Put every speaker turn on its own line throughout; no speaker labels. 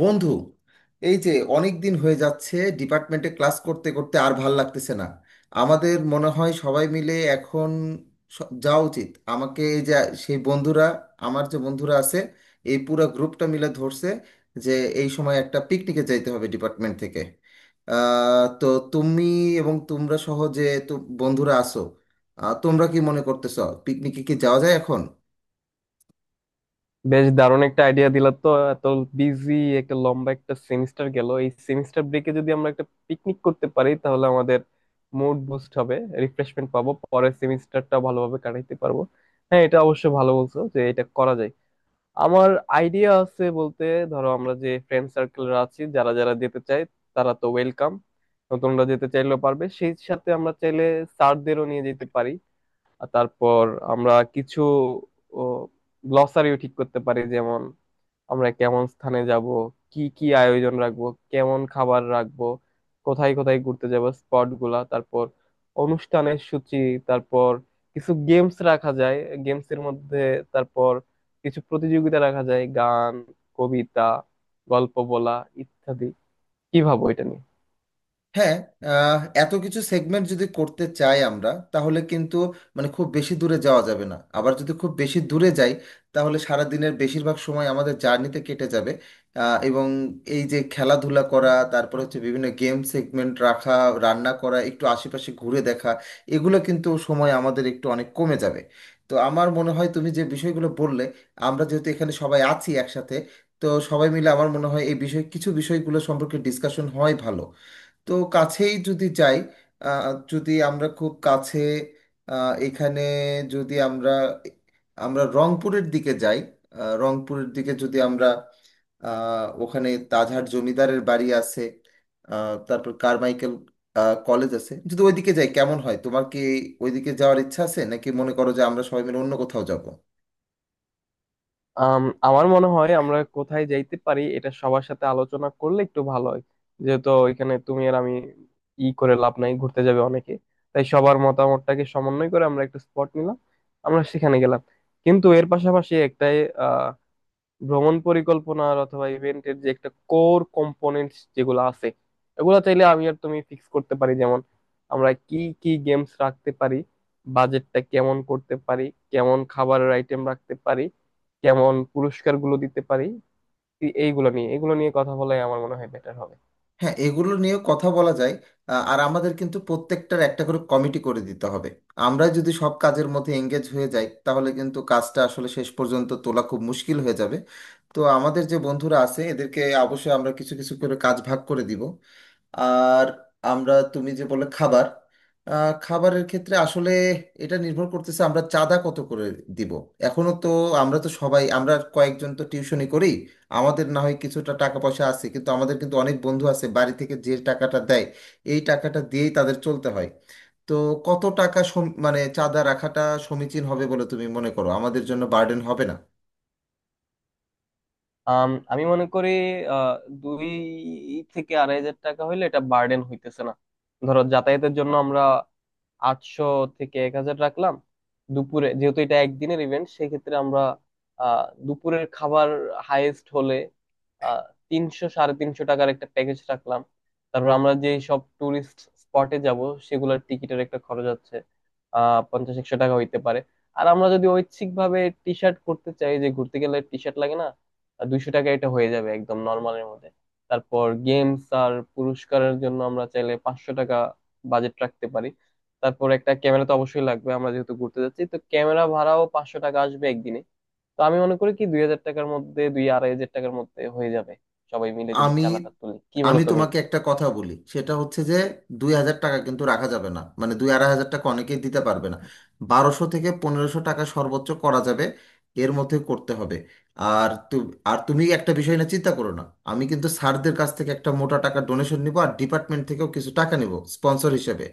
বন্ধু, এই যে অনেক দিন হয়ে যাচ্ছে, ডিপার্টমেন্টে ক্লাস করতে করতে আর ভাল লাগতেছে না। আমাদের মনে হয় সবাই মিলে এখন যাওয়া উচিত। আমাকে এই যে সেই বন্ধুরা, আমার যে বন্ধুরা আছে, এই পুরো গ্রুপটা মিলে ধরছে যে এই সময় একটা পিকনিকে যাইতে হবে ডিপার্টমেন্ট থেকে। তো তুমি এবং তোমরা সহ বন্ধুরা আসো। তোমরা কি মনে করতেছো পিকনিকে কি যাওয়া যায় এখন?
বেশ দারুণ একটা আইডিয়া দিলা। তো এত বিজি, একটা লম্বা একটা সেমিস্টার গেল, এই সেমিস্টার ব্রেকে যদি আমরা একটা পিকনিক করতে পারি তাহলে আমাদের মুড বুস্ট হবে, রিফ্রেশমেন্ট পাবো, পরের সেমিস্টারটা ভালোভাবে কাটাইতে পারবো। হ্যাঁ, এটা অবশ্য ভালো বলছো যে এটা করা যায়। আমার আইডিয়া আছে বলতে, ধরো আমরা যে ফ্রেন্ড সার্কেলরা আছি যারা যারা যেতে চায় তারা তো ওয়েলকাম, নতুনরা যেতে চাইলেও পারবে, সেই সাথে আমরা চাইলে স্যারদেরও নিয়ে যেতে পারি। আর তারপর আমরা কিছু গ্লসারিও ঠিক করতে পারি, যেমন আমরা কেমন স্থানে যাব, কি কি আয়োজন রাখবো, কেমন খাবার রাখবো, কোথায় কোথায় ঘুরতে যাব স্পট গুলা, তারপর অনুষ্ঠানের সূচি, তারপর কিছু গেমস রাখা যায়, গেমস এর মধ্যে তারপর কিছু প্রতিযোগিতা রাখা যায়, গান, কবিতা, গল্প বলা ইত্যাদি। কি ভাবো এটা নিয়ে?
হ্যাঁ, এত কিছু সেগমেন্ট যদি করতে চাই আমরা তাহলে কিন্তু মানে খুব বেশি দূরে যাওয়া যাবে না। আবার যদি খুব বেশি দূরে যাই, তাহলে সারা দিনের বেশিরভাগ সময় আমাদের জার্নিতে কেটে যাবে। এবং এই যে খেলাধুলা করা, তারপরে হচ্ছে বিভিন্ন গেম সেগমেন্ট রাখা, রান্না করা, একটু আশেপাশে ঘুরে দেখা, এগুলো কিন্তু সময় আমাদের একটু অনেক কমে যাবে। তো আমার মনে হয় তুমি যে বিষয়গুলো বললে, আমরা যেহেতু এখানে সবাই আছি একসাথে, তো সবাই মিলে আমার মনে হয় এই বিষয় কিছু বিষয়গুলো সম্পর্কে ডিসকাশন হয় ভালো। তো কাছেই যদি যাই, যদি আমরা খুব কাছে, এখানে যদি আমরা আমরা রংপুরের দিকে যাই, রংপুরের দিকে যদি আমরা, ওখানে তাজহাট জমিদারের বাড়ি আছে, তারপর কারমাইকেল কলেজ আছে, যদি ওইদিকে যাই কেমন হয়? তোমার কি ওইদিকে যাওয়ার ইচ্ছা আছে, নাকি মনে করো যে আমরা সবাই মিলে অন্য কোথাও যাব?
আমার মনে হয় আমরা কোথায় যাইতে পারি এটা সবার সাথে আলোচনা করলে একটু ভালো হয়। যেহেতু এখানে তুমি আর আমি ই করে লাভ নাই, ঘুরতে যাবে অনেকে। তাই সবার মতামতটাকে সমন্বয় করে আমরা একটা স্পট নিলাম, আমরা সেখানে গেলাম। কিন্তু এর পাশাপাশি একটা ভ্রমণ পরিকল্পনার অথবা ইভেন্টের যে একটা কোর কম্পোনেন্ট যেগুলো আছে এগুলো চাইলে আমি আর তুমি ফিক্স করতে পারি। যেমন আমরা কি কি গেমস রাখতে পারি, বাজেটটা কেমন করতে পারি, কেমন খাবারের আইটেম রাখতে পারি, কেমন পুরস্কারগুলো দিতে পারি, এইগুলো নিয়ে এগুলো নিয়ে কথা বলাই আমার মনে হয় বেটার হবে।
হ্যাঁ, এগুলো নিয়ে কথা বলা যায়। আর আমাদের কিন্তু প্রত্যেকটার একটা করে কমিটি করে দিতে হবে। আমরা যদি সব কাজের মধ্যে এঙ্গেজ হয়ে যাই, তাহলে কিন্তু কাজটা আসলে শেষ পর্যন্ত তোলা খুব মুশকিল হয়ে যাবে। তো আমাদের যে বন্ধুরা আছে এদেরকে অবশ্যই আমরা কিছু কিছু করে কাজ ভাগ করে দিব। আর আমরা তুমি যে বলে খাবার, খাবারের ক্ষেত্রে আসলে এটা নির্ভর করতেছে আমরা চাঁদা কত করে দিব। এখনো তো আমরা তো সবাই, আমরা কয়েকজন তো টিউশনি করি, আমাদের না হয় কিছুটা টাকা পয়সা আছে, কিন্তু আমাদের কিন্তু অনেক বন্ধু আছে বাড়ি থেকে যে টাকাটা দেয়, এই টাকাটা দিয়েই তাদের চলতে হয়। তো কত টাকা মানে চাঁদা রাখাটা সমীচীন হবে বলে তুমি মনে করো আমাদের জন্য বার্ডেন হবে না?
আমি মনে করি আহ, 2,000 থেকে 2,500 টাকা হইলে এটা বার্ডেন হইতেছে না। ধরো যাতায়াতের জন্য আমরা 800 থেকে 1,000 রাখলাম। দুপুরে যেহেতু এটা একদিনের ইভেন্ট, সেক্ষেত্রে আমরা দুপুরের খাবার হাইয়েস্ট হলে আহ 300-350 টাকার একটা প্যাকেজ রাখলাম। তারপর আমরা যে সব টুরিস্ট স্পটে যাব সেগুলোর টিকিটের একটা খরচ আছে, 50-100 টাকা হইতে পারে। আর আমরা যদি ঐচ্ছিক ভাবে টি শার্ট করতে চাই, যে ঘুরতে গেলে টি শার্ট লাগে না, 200 টাকা এটা হয়ে যাবে একদম নর্মালের মধ্যে। তারপর গেমস আর পুরস্কারের জন্য আমরা চাইলে 500 টাকা বাজেট রাখতে পারি। তারপর একটা ক্যামেরা তো অবশ্যই লাগবে, আমরা যেহেতু ঘুরতে যাচ্ছি তো ক্যামেরা ভাড়াও 500 টাকা আসবে একদিনে। তো আমি মনে করি কি 2,000 টাকার মধ্যে, 2,000-2,500 টাকার মধ্যে হয়ে যাবে সবাই মিলে যদি
আমি
চাঁদাটা তুলি। কি বলো
আমি
তুমি?
তোমাকে একটা কথা বলি, সেটা হচ্ছে যে 2,000 টাকা কিন্তু রাখা যাবে না, মানে দুই আড়াই হাজার টাকা অনেকেই দিতে পারবে না। 1200 থেকে 1500 টাকা সর্বোচ্চ করা যাবে, এর মধ্যে করতে হবে। আর তু আর তুমি একটা বিষয় না চিন্তা করো না, আমি কিন্তু স্যারদের কাছ থেকে একটা মোটা টাকা ডোনেশন নিব আর ডিপার্টমেন্ট থেকেও কিছু টাকা নিব স্পন্সর হিসেবে।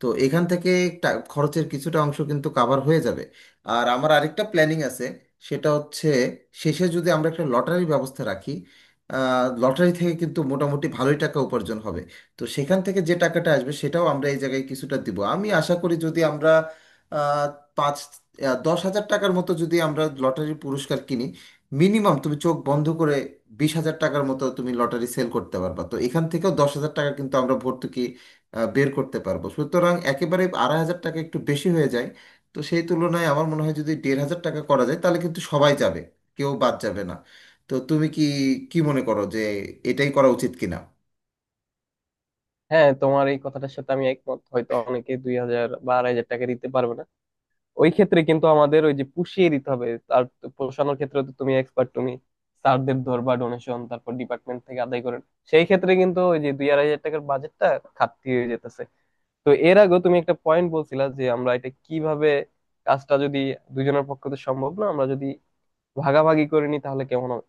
তো এখান থেকে খরচের কিছুটা অংশ কিন্তু কাভার হয়ে যাবে। আর আমার আরেকটা প্ল্যানিং আছে, সেটা হচ্ছে শেষে যদি আমরা একটা লটারির ব্যবস্থা রাখি, লটারি থেকে কিন্তু মোটামুটি ভালোই টাকা উপার্জন হবে। তো সেখান থেকে যে টাকাটা আসবে সেটাও আমরা এই জায়গায় কিছুটা দিব। আমি আশা করি যদি আমরা আহ, পাঁচ 10,000 টাকার মতো যদি আমরা লটারির পুরস্কার কিনি, মিনিমাম তুমি চোখ বন্ধ করে 20,000 টাকার মতো তুমি লটারি সেল করতে পারবা। তো এখান থেকেও 10,000 টাকা কিন্তু আমরা ভর্তুকি বের করতে পারবো। সুতরাং একেবারে 2,500 টাকা একটু বেশি হয়ে যায়, তো সেই তুলনায় আমার মনে হয় যদি 1,500 টাকা করা যায় তাহলে কিন্তু সবাই যাবে, কেউ বাদ যাবে না। তো তুমি কি কি মনে করো যে এটাই করা উচিত কিনা?
হ্যাঁ, তোমার এই কথাটার সাথে আমি একমত, হয়তো অনেকে 2,000 বা 2,500 টাকা দিতে পারবে না। ওই ক্ষেত্রে কিন্তু আমাদের ওই যে পুষিয়ে দিতে হবে। আর পোষানোর ক্ষেত্রে তো তুমি এক্সপার্ট, তুমি স্যারদের ধরবা ডোনেশন, তারপর ডিপার্টমেন্ট থেকে আদায় করেন। সেই ক্ষেত্রে কিন্তু ওই যে 2,000-2,500 টাকার বাজেটটা ঘাটতি হয়ে যেতেছে। তো এর আগেও তুমি একটা পয়েন্ট বলছিলা যে আমরা এটা কিভাবে কাজটা যদি, দুজনের পক্ষে তো সম্ভব না, আমরা যদি ভাগাভাগি করে নিই তাহলে কেমন হবে।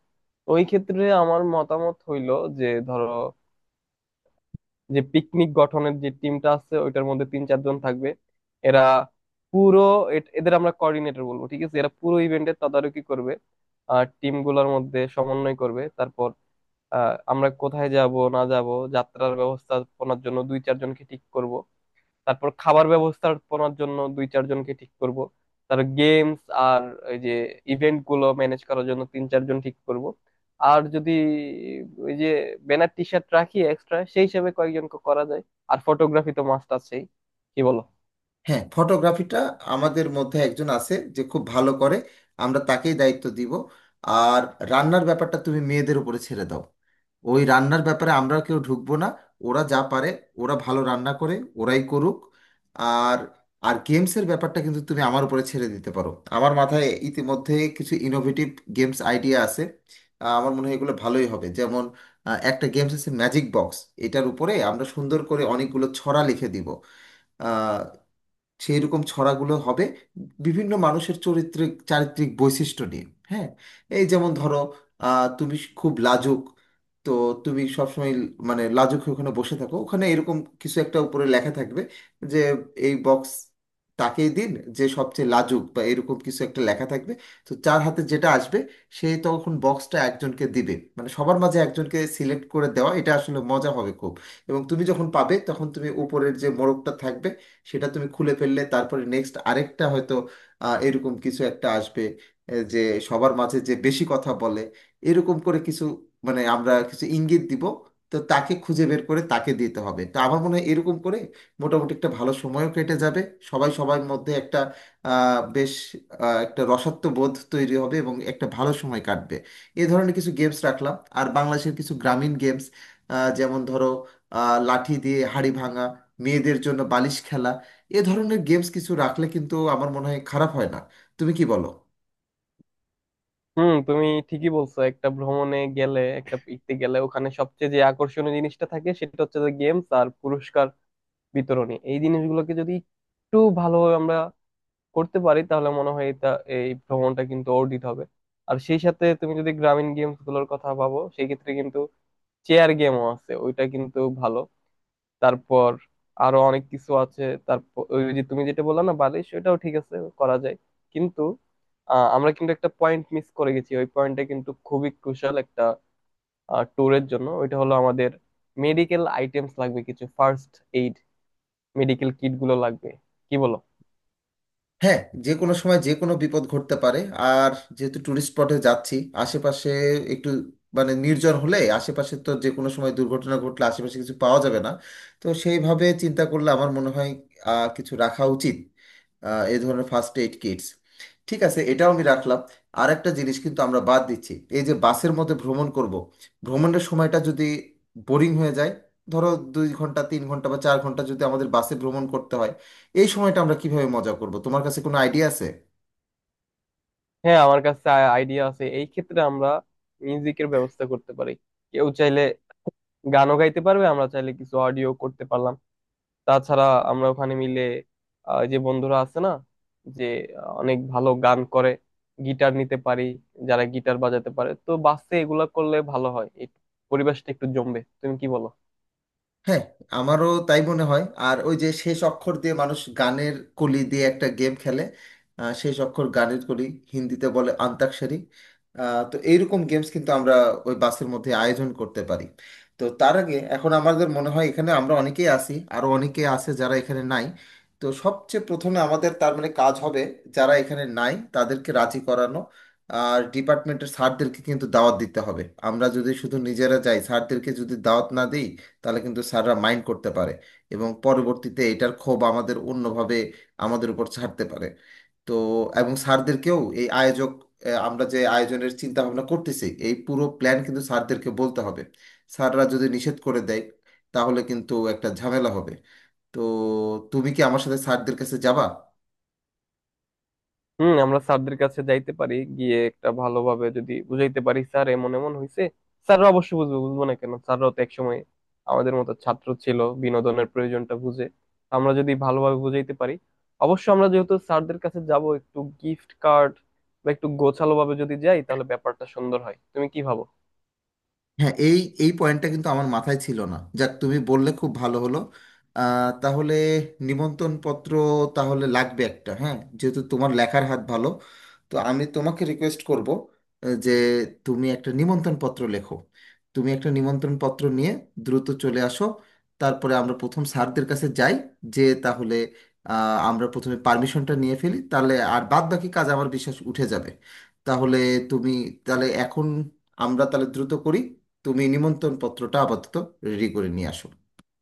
ওই ক্ষেত্রে আমার মতামত হইলো যে, ধরো, যে পিকনিক গঠনের যে টিমটা আছে ওইটার মধ্যে তিন চারজন থাকবে, এরা পুরো, এদের আমরা কোঅর্ডিনেটর বলবো, ঠিক আছে, এরা পুরো ইভেন্টের তদারকি করবে আর টিম গুলার মধ্যে সমন্বয় করবে। তারপর আমরা কোথায় যাব না যাব, যাত্রার ব্যবস্থাপনার জন্য দুই চারজনকে ঠিক করব। তারপর খাবার ব্যবস্থাপনার জন্য দুই চারজনকে ঠিক করব। তার গেমস আর ওই যে ইভেন্ট গুলো ম্যানেজ করার জন্য তিন চারজন ঠিক করব। আর যদি ওই যে ব্যানার টি শার্ট রাখি এক্সট্রা, সেই হিসেবে কয়েকজনকে করা যায়। আর ফটোগ্রাফি তো মাস্ট আছেই। কি বলো?
হ্যাঁ, ফটোগ্রাফিটা আমাদের মধ্যে একজন আছে যে খুব ভালো করে, আমরা তাকেই দায়িত্ব দিব। আর রান্নার ব্যাপারটা তুমি মেয়েদের উপরে ছেড়ে দাও, ওই রান্নার ব্যাপারে আমরা কেউ ঢুকবো না। ওরা যা পারে, ওরা ভালো রান্না করে, ওরাই করুক। আর আর গেমসের ব্যাপারটা কিন্তু তুমি আমার উপরে ছেড়ে দিতে পারো, আমার মাথায় ইতিমধ্যে কিছু ইনোভেটিভ গেমস আইডিয়া আছে। আমার মনে হয় এগুলো ভালোই হবে। যেমন একটা গেমস আছে ম্যাজিক বক্স, এটার উপরে আমরা সুন্দর করে অনেকগুলো ছড়া লিখে দিব। সেই রকম ছড়াগুলো হবে বিভিন্ন মানুষের চরিত্রিক চারিত্রিক বৈশিষ্ট্য নিয়ে। হ্যাঁ, এই যেমন ধরো তুমি খুব লাজুক, তো তুমি সবসময় মানে লাজুক হয়ে ওখানে বসে থাকো ওখানে, এরকম কিছু একটা উপরে লেখা থাকবে যে এই বক্স তাকেই দিন যে সবচেয়ে লাজুক, বা এরকম কিছু একটা লেখা থাকবে। তো যার হাতে যেটা আসবে, সে তখন বক্সটা একজনকে দিবে, মানে সবার মাঝে একজনকে সিলেক্ট করে দেওয়া, এটা আসলে মজা হবে খুব। এবং তুমি যখন পাবে তখন তুমি উপরের যে মোড়কটা থাকবে সেটা তুমি খুলে ফেললে, তারপরে নেক্সট আরেকটা হয়তো এরকম কিছু একটা আসবে। যে সবার মাঝে যে বেশি কথা বলে, এরকম করে কিছু মানে আমরা কিছু ইঙ্গিত দিব, তো তাকে খুঁজে বের করে তাকে দিতে হবে। তো আমার মনে হয় এরকম করে মোটামুটি একটা ভালো সময়ও কেটে যাবে, সবাই সবার মধ্যে একটা আহ, বেশ একটা রসত্ববোধ তৈরি হবে এবং একটা ভালো সময় কাটবে। এ ধরনের কিছু গেমস রাখলাম আর বাংলাদেশের কিছু গ্রামীণ গেমস, যেমন ধরো লাঠি দিয়ে হাড়ি ভাঙা, মেয়েদের জন্য বালিশ খেলা, এ ধরনের গেমস কিছু রাখলে কিন্তু আমার মনে হয় খারাপ হয় না। তুমি কি বলো?
হুম, তুমি ঠিকই বলছো, একটা ভ্রমণে গেলে, একটা পিকতে গেলে ওখানে সবচেয়ে যে আকর্ষণীয় জিনিসটা থাকে সেটা হচ্ছে যে গেমস আর পুরস্কার বিতরণী। এই জিনিসগুলোকে যদি একটু ভালোভাবে আমরা করতে পারি তাহলে মনে হয় এটা, এই ভ্রমণটা কিন্তু অর্জিত হবে। আর সেই সাথে তুমি যদি গ্রামীণ গেমস গুলোর কথা ভাবো, সেই ক্ষেত্রে কিন্তু চেয়ার গেমও আছে, ওইটা কিন্তু ভালো। তারপর আরো অনেক কিছু আছে। তারপর ওই যে তুমি যেটা বললা না, বালিশ, ওইটাও ঠিক আছে, করা যায়। কিন্তু আমরা কিন্তু একটা পয়েন্ট মিস করে গেছি। ওই পয়েন্টটা কিন্তু খুবই ক্রুশাল একটা ট্যুরের জন্য। ওইটা হলো আমাদের মেডিকেল আইটেমস লাগবে, কিছু ফার্স্ট এইড মেডিকেল কিট গুলো লাগবে। কি বলো?
হ্যাঁ, যে কোনো সময় যে কোনো বিপদ ঘটতে পারে আর যেহেতু ট্যুরিস্ট স্পটে যাচ্ছি, আশেপাশে একটু মানে নির্জন হলে আশেপাশে তো যে কোনো সময় দুর্ঘটনা ঘটলে আশেপাশে কিছু পাওয়া যাবে না। তো সেইভাবে চিন্তা করলে আমার মনে হয় কিছু রাখা উচিত, এই ধরনের ফার্স্ট এইড কিটস। ঠিক আছে, এটাও আমি রাখলাম। আর একটা জিনিস কিন্তু আমরা বাদ দিচ্ছি, এই যে বাসের মধ্যে ভ্রমণ করব, ভ্রমণের সময়টা যদি বোরিং হয়ে যায়, ধরো 2 ঘন্টা 3 ঘন্টা বা 4 ঘন্টা যদি আমাদের বাসে ভ্রমণ করতে হয়, এই সময়টা আমরা কিভাবে মজা করব, তোমার কাছে কোনো আইডিয়া আছে?
হ্যাঁ, আমার কাছে আইডিয়া আছে। এই ক্ষেত্রে আমরা মিউজিকের ব্যবস্থা করতে পারি, কেউ চাইলে গানও গাইতে পারবে, আমরা চাইলে কিছু অডিও করতে পারলাম। তাছাড়া আমরা ওখানে মিলে, যে বন্ধুরা আছে না, যে অনেক ভালো গান করে, গিটার নিতে পারি, যারা গিটার বাজাতে পারে, তো বাসে এগুলা করলে ভালো হয়, এই পরিবেশটা একটু জমবে। তুমি কি বলো?
হ্যাঁ, আমারও তাই মনে হয়। আর ওই যে শেষ অক্ষর দিয়ে মানুষ গানের কলি দিয়ে একটা গেম খেলে, শেষ অক্ষর গানের কলি, হিন্দিতে বলে অন্তাক্ষরী, তো এইরকম গেমস কিন্তু আমরা ওই বাসের মধ্যে আয়োজন করতে পারি। তো তার আগে এখন আমাদের মনে হয় এখানে আমরা অনেকেই আছি, আরও অনেকেই আছে যারা এখানে নাই, তো সবচেয়ে প্রথমে আমাদের তার মানে কাজ হবে যারা এখানে নাই তাদেরকে রাজি করানো। আর ডিপার্টমেন্টের স্যারদেরকে কিন্তু দাওয়াত দিতে হবে। আমরা যদি শুধু নিজেরা যাই, স্যারদেরকে যদি দাওয়াত না দিই, তাহলে কিন্তু স্যাররা মাইন্ড করতে পারে এবং পরবর্তীতে এটার ক্ষোভ আমাদের অন্যভাবে আমাদের উপর ছাড়তে পারে। তো এবং স্যারদেরকেও এই আয়োজক আমরা যে আয়োজনের চিন্তা ভাবনা করতেছি এই পুরো প্ল্যান কিন্তু স্যারদেরকে বলতে হবে। স্যাররা যদি নিষেধ করে দেয়, তাহলে কিন্তু একটা ঝামেলা হবে। তো তুমি কি আমার সাথে স্যারদের কাছে যাবা?
হুম, আমরা স্যারদের কাছে যাইতে পারি, গিয়ে একটা ভালোভাবে যদি বুঝাইতে পারি স্যার এমন এমন হয়েছে, স্যাররা অবশ্যই বুঝবে। বুঝবো না কেন, স্যাররাও তো একসময় আমাদের মতো ছাত্র ছিল, বিনোদনের প্রয়োজনটা বুঝে। আমরা যদি ভালোভাবে বুঝাইতে পারি, অবশ্য আমরা যেহেতু স্যারদের কাছে যাব একটু গিফট কার্ড বা একটু গোছালো ভাবে যদি যাই তাহলে ব্যাপারটা সুন্দর হয়। তুমি কি ভাবো?
হ্যাঁ, এই এই পয়েন্টটা কিন্তু আমার মাথায় ছিল না, যাক তুমি বললে খুব ভালো হলো। তাহলে নিমন্ত্রণ পত্র তাহলে লাগবে একটা। হ্যাঁ, যেহেতু তোমার লেখার হাত ভালো, তো আমি তোমাকে রিকোয়েস্ট করব যে তুমি একটা নিমন্ত্রণ পত্র লেখো। তুমি একটা নিমন্ত্রণ পত্র নিয়ে দ্রুত চলে আসো, তারপরে আমরা প্রথম স্যারদের কাছে যাই। যে তাহলে আমরা প্রথমে পারমিশনটা নিয়ে ফেলি, তাহলে আর বাদ বাকি কাজ আমার বিশ্বাস উঠে যাবে। তাহলে তুমি, তাহলে এখন আমরা তাহলে দ্রুত করি, তুমি নিমন্ত্রণ পত্রটা আপাতত রেডি করে নিয়ে আসো।